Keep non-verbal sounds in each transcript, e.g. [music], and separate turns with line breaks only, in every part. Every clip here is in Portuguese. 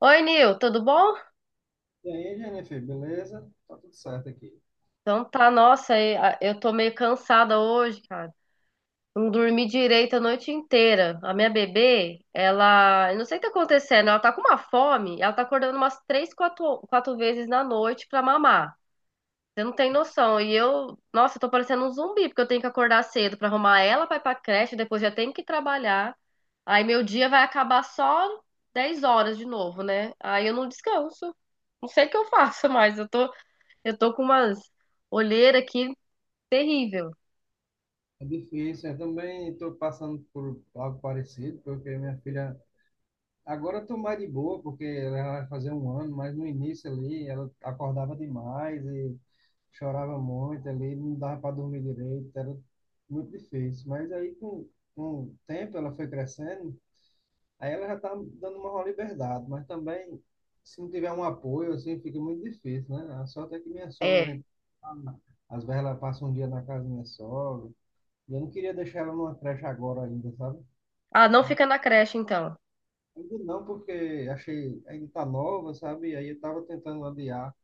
Oi, Nil, tudo bom?
E aí, Jennifer, beleza? Tá tudo certo aqui.
Então tá, nossa, eu tô meio cansada hoje, cara. Não dormi direito a noite inteira. A minha bebê, ela, eu não sei o que tá acontecendo, ela tá com uma fome, ela tá acordando umas três, quatro vezes na noite pra mamar. Você não tem noção. E eu, nossa, eu tô parecendo um zumbi, porque eu tenho que acordar cedo pra arrumar ela pra ir pra creche, depois já tenho que trabalhar. Aí meu dia vai acabar só 10 horas de novo, né? Aí eu não descanso. Não sei o que eu faço mais. Eu tô com umas olheiras aqui terrível.
É difícil, eu também estou passando por algo parecido, porque minha filha. Agora eu tô mais de boa, porque ela vai fazer 1 ano, mas no início ali ela acordava demais e chorava muito ali, não dava para dormir direito, era muito difícil. Mas aí com o tempo ela foi crescendo. Aí ela já tá dando uma maior liberdade, mas também, se não tiver um apoio, assim, fica muito difícil, né? A sorte é que minha sogra
É.
vem. Às vezes ela passa um dia na casa da minha sogra. E eu não queria deixar ela numa creche agora ainda, sabe?
Ah, não fica na creche, então.
Ainda não, porque achei, ainda tá nova, sabe? E aí eu tava tentando adiar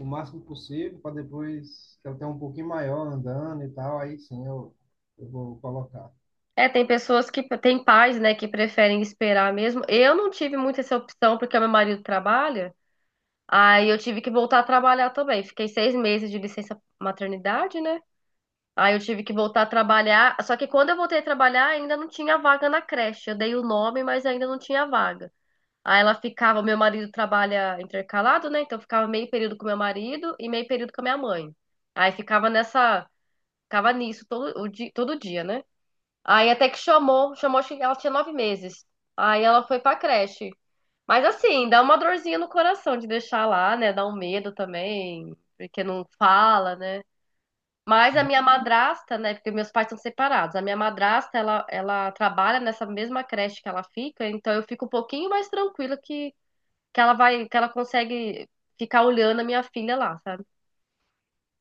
o máximo possível para depois que ela tenha um pouquinho maior andando e tal, aí sim eu vou colocar,
É, tem pessoas que tem pais, né, que preferem esperar mesmo. Eu não tive muito essa opção porque meu marido trabalha. Aí eu tive que voltar a trabalhar também. Fiquei 6 meses de licença maternidade, né? Aí eu tive que voltar a trabalhar. Só que quando eu voltei a trabalhar, ainda não tinha vaga na creche. Eu dei o nome, mas ainda não tinha vaga. Aí ela ficava, meu marido trabalha intercalado, né? Então ficava meio período com meu marido e meio período com a minha mãe. Aí ficava nessa, ficava nisso todo o dia, todo dia, né? Aí até que chamou, chamou, acho que ela tinha 9 meses. Aí ela foi pra creche. Mas assim, dá uma dorzinha no coração de deixar lá, né? Dá um medo também, porque não fala, né? Mas a
né?
minha madrasta, né? Porque meus pais estão separados. A minha madrasta, ela trabalha nessa mesma creche que ela fica, então eu fico um pouquinho mais tranquila que ela vai, que ela consegue ficar olhando a minha filha lá, sabe?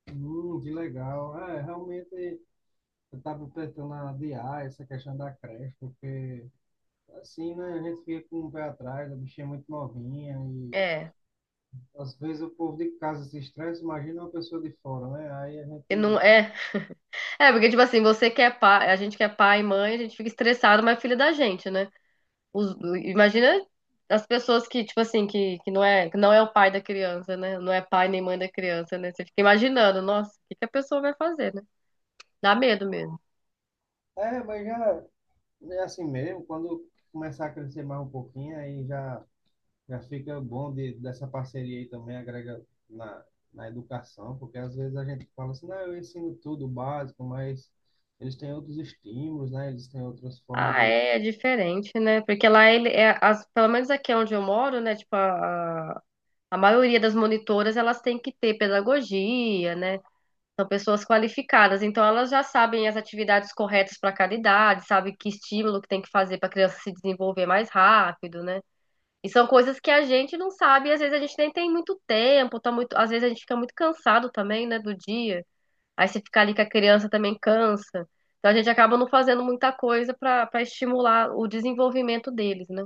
Que legal. É, realmente eu estava tentando adiar essa questão da creche, porque assim, né, a gente fica com o pé atrás, a bichinha é muito novinha e
É.
às vezes o povo de casa se estressa, imagina uma pessoa de fora, né? Aí a
E não
gente...
é, é porque tipo assim, você que é pai, a gente que é pai e mãe, a gente fica estressado, mas é filho da gente, né? Os- Imagina as pessoas que tipo assim, que não é o pai da criança, né? Não é pai nem mãe da criança, né? Você fica imaginando, nossa, o que que a pessoa vai fazer, né? Dá medo mesmo.
É, mas já é assim mesmo, quando começar a crescer mais um pouquinho, aí já, já fica bom de, dessa parceria aí também, agrega na, na educação, porque às vezes a gente fala assim, não, eu ensino tudo básico, mas eles têm outros estímulos, né? Eles têm outras formas
Ah,
de...
é, é diferente, né? Porque lá ele é, as, pelo menos aqui onde eu moro, né? Tipo a maioria das monitoras, elas têm que ter pedagogia, né? São pessoas qualificadas, então elas já sabem as atividades corretas para cada idade, sabe que estímulo que tem que fazer para a criança se desenvolver mais rápido, né? E são coisas que a gente não sabe, e às vezes a gente nem tem muito tempo, tá muito, às vezes a gente fica muito cansado também, né, do dia. Aí se ficar ali com a criança também cansa. Então a gente acaba não fazendo muita coisa para estimular o desenvolvimento deles, né?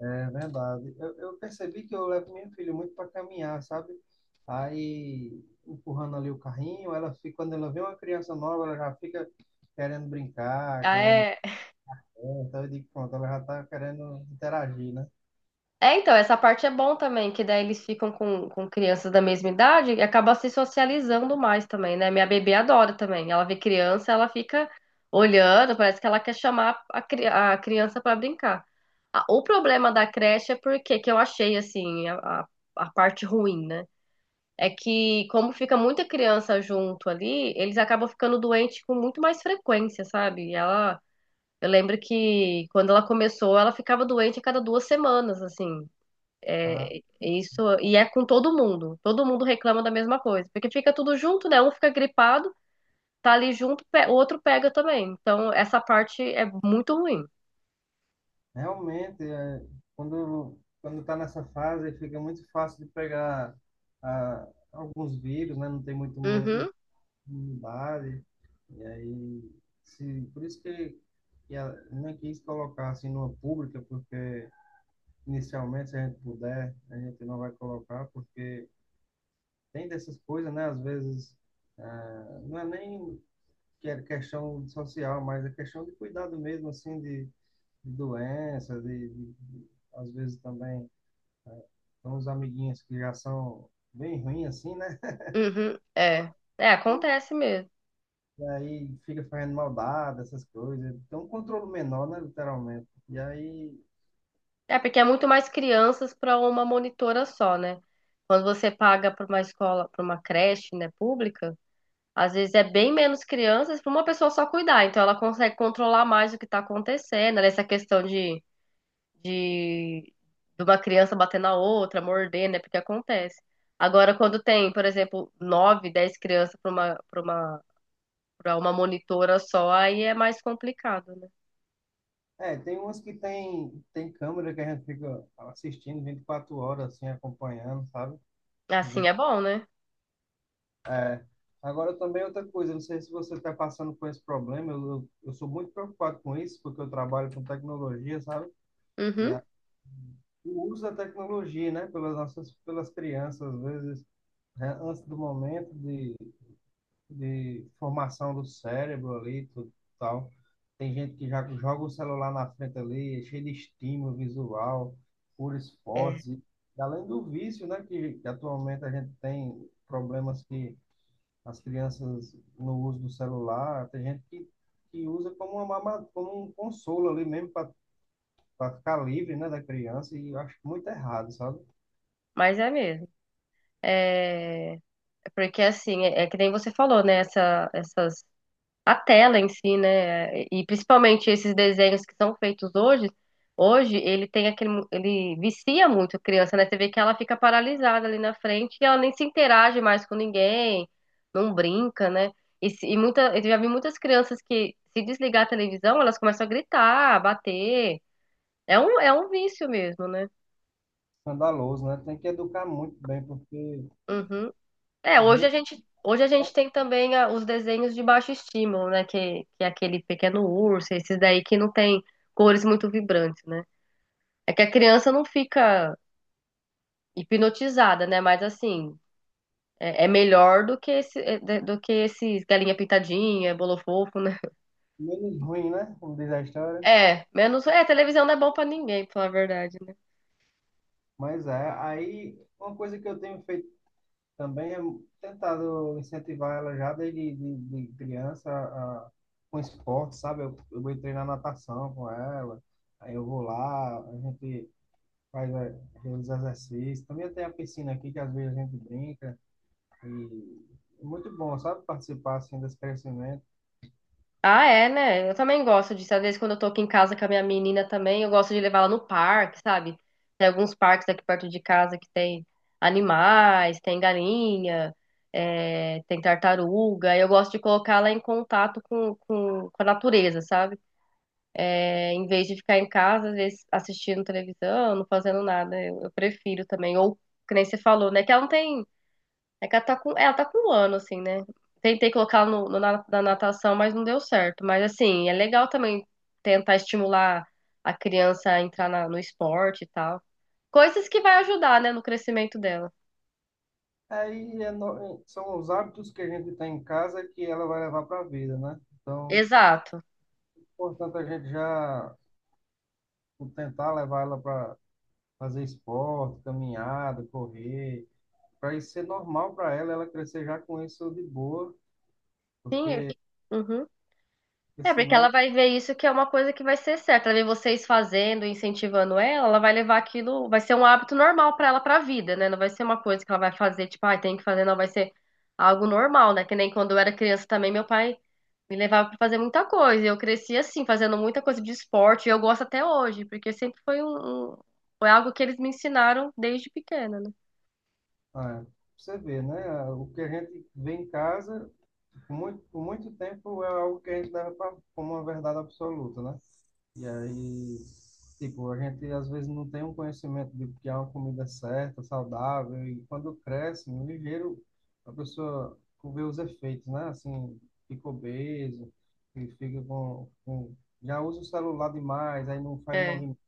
É verdade. Eu percebi que eu levo minha filha muito para caminhar, sabe? Aí, empurrando ali o carrinho, ela fica, quando ela vê uma criança nova, ela já fica querendo brincar,
Ah,
querendo.
é,
Então eu digo, pronto, ela já está querendo interagir, né?
É, então, essa parte é bom também, que daí eles ficam com crianças da mesma idade e acaba se socializando mais também, né? Minha bebê adora também. Ela vê criança, ela fica olhando, parece que ela quer chamar a criança pra brincar. O problema da creche é porque, que eu achei, assim, a parte ruim, né? É que, como fica muita criança junto ali, eles acabam ficando doentes com muito mais frequência, sabe? E ela. Eu lembro que quando ela começou, ela ficava doente a cada 2 semanas, assim.
Ah,
É, isso, e é com todo mundo. Todo mundo reclama da mesma coisa, porque fica tudo junto, né? Um fica gripado, tá ali junto, o outro pega também. Então, essa parte é muito ruim.
realmente, é, quando quando está nessa fase, fica muito fácil de pegar alguns vírus, né? Não tem muito imu-
Uhum,
no Bali, e aí, se, por isso que a- nem quis colocar assim numa pública, porque inicialmente, se a gente puder, a gente não vai colocar, porque tem dessas coisas, né? Às vezes, ah, não é nem que é questão social, mas é questão de cuidado mesmo, assim, de doença, de, às vezes também, são os amiguinhos que já são bem ruins, assim, né?
uhum, é. É, acontece mesmo.
E aí fica fazendo maldade, essas coisas. Tem um controle menor, né, literalmente. E aí,
É, porque é muito mais crianças para uma monitora só, né? Quando você paga para uma escola, para uma creche, né, pública, às vezes é bem menos crianças para uma pessoa só cuidar. Então, ela consegue controlar mais o que está acontecendo, né? Essa questão de de, de, uma criança bater na outra, morder, né? Porque acontece. Agora, quando tem, por exemplo, 9, 10 crianças para uma monitora só, aí é mais complicado, né?
é, tem umas que tem, tem câmera que a gente fica assistindo 24 horas, assim, acompanhando, sabe?
Assim
Ver-
é bom, né?
Agora também outra coisa, não sei se você está passando por esse problema, eu sou muito preocupado com isso, porque eu trabalho com tecnologia, sabe? E
Uhum.
a, o uso da tecnologia, né, pelas crianças, às vezes, né, antes do momento de formação do cérebro ali, tudo e tal. Tem gente que já joga o celular na frente ali, é cheio de estímulo visual, por
É,
esporte. Além do vício, né, que atualmente a gente tem problemas que as crianças no uso do celular, tem gente que usa como, uma, mama- como um consolo ali mesmo para ficar livre, né, da criança, e eu acho muito errado, sabe?
mas é mesmo. É, porque assim, é, é que nem você falou, né? Essa, essas a tela em si, né? E principalmente esses desenhos que são feitos hoje, hoje ele tem aquele, ele vicia muito a criança, né? Você vê que ela fica paralisada ali na frente e ela nem se interage mais com ninguém, não brinca, né? E, se- e muita, eu já vi muitas crianças que se desligar a televisão, elas começam a gritar, a bater. É um vício mesmo, né?
Escandaloso, né? Tem que educar muito bem, porque
Uhum. É,
as redes
hoje a gente
são
tem também os desenhos de baixo estímulo, né? Que é aquele pequeno urso, esses daí que não tem cores muito vibrantes, né? É que a criança não fica hipnotizada, né? Mas assim, é melhor do que esse, do que esses galinha pintadinha, bolo fofo, né?
menos ruim, né? Como diz a história.
É, menos. É, televisão não é bom pra ninguém, pra falar a verdade, né.
Mas é, aí uma coisa que eu tenho feito também é tentado incentivar ela já de criança a, com esporte, sabe? Eu vou treinar natação com ela, aí eu vou lá, a gente faz os exercícios. Também tem a piscina aqui que às vezes a gente brinca e é muito bom, sabe? Participar assim desse crescimento.
Ah, é, né? Eu também gosto disso. Às vezes, quando eu tô aqui em casa com a minha menina também, eu gosto de levar ela no parque, sabe? Tem alguns parques aqui perto de casa que tem animais, tem galinha, é, tem tartaruga. E eu gosto de colocar ela em contato com a natureza, sabe? É, em vez de ficar em casa, às vezes, assistindo televisão, não fazendo nada. Eu prefiro também. Ou, que nem você falou, né? Que ela não tem é que ela tá com um ano, assim, né? Tentei colocar ela na natação, mas não deu certo. Mas, assim, é legal também tentar estimular a criança a entrar no esporte e tal. Coisas que vai ajudar, né, no crescimento dela.
Aí é no- são os hábitos que a gente tem em casa que ela vai levar para a vida, né? Então,
Exato.
portanto, a gente já tentar levar ela para fazer esporte, caminhada, correr, para isso ser normal para ela, ela crescer já com isso de boa,
Sim.
porque,
Uhum.
porque
É, porque ela
senão,
vai ver isso que é uma coisa que vai ser certa. Ela vê vocês fazendo, incentivando ela, ela vai levar aquilo, vai ser um hábito normal pra ela pra vida, né? Não vai ser uma coisa que ela vai fazer, tipo, ah, tem que fazer, não, vai ser algo normal, né? Que nem quando eu era criança também, meu pai me levava pra fazer muita coisa, e eu cresci assim, fazendo muita coisa de esporte, e eu gosto até hoje, porque sempre foi um, foi algo que eles me ensinaram desde pequena, né?
ah, você vê, né? O que a gente vê em casa, por muito tempo, é algo que a gente leva pra, como uma verdade absoluta, né? E aí, tipo, a gente às vezes não tem um conhecimento de que é uma comida certa, saudável, e quando cresce, no ligeiro, a pessoa vê os efeitos, né? Assim, fica obeso, e fica com... Já usa o celular demais, aí não faz
É,
movimento.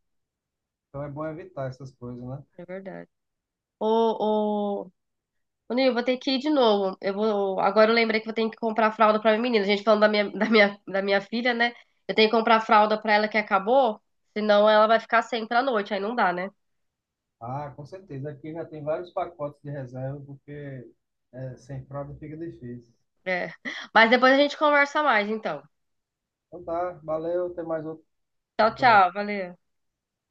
Então é bom evitar essas coisas, né?
é verdade. Ô, ô, Ô, Nil, vou ter que ir de novo. Eu vou, agora eu lembrei que eu tenho que comprar fralda pra minha menina. A gente falando da minha, [laughs] da minha filha, né? Eu tenho que comprar fralda pra ela que acabou, senão ela vai ficar sem pra noite, aí não dá, né?
Ah, com certeza. Aqui já tem vários pacotes de reserva, porque é, sem fralda fica difícil.
É. Mas depois a gente conversa mais, então.
Então tá, valeu, até mais outro.
Tchau, tchau, valeu.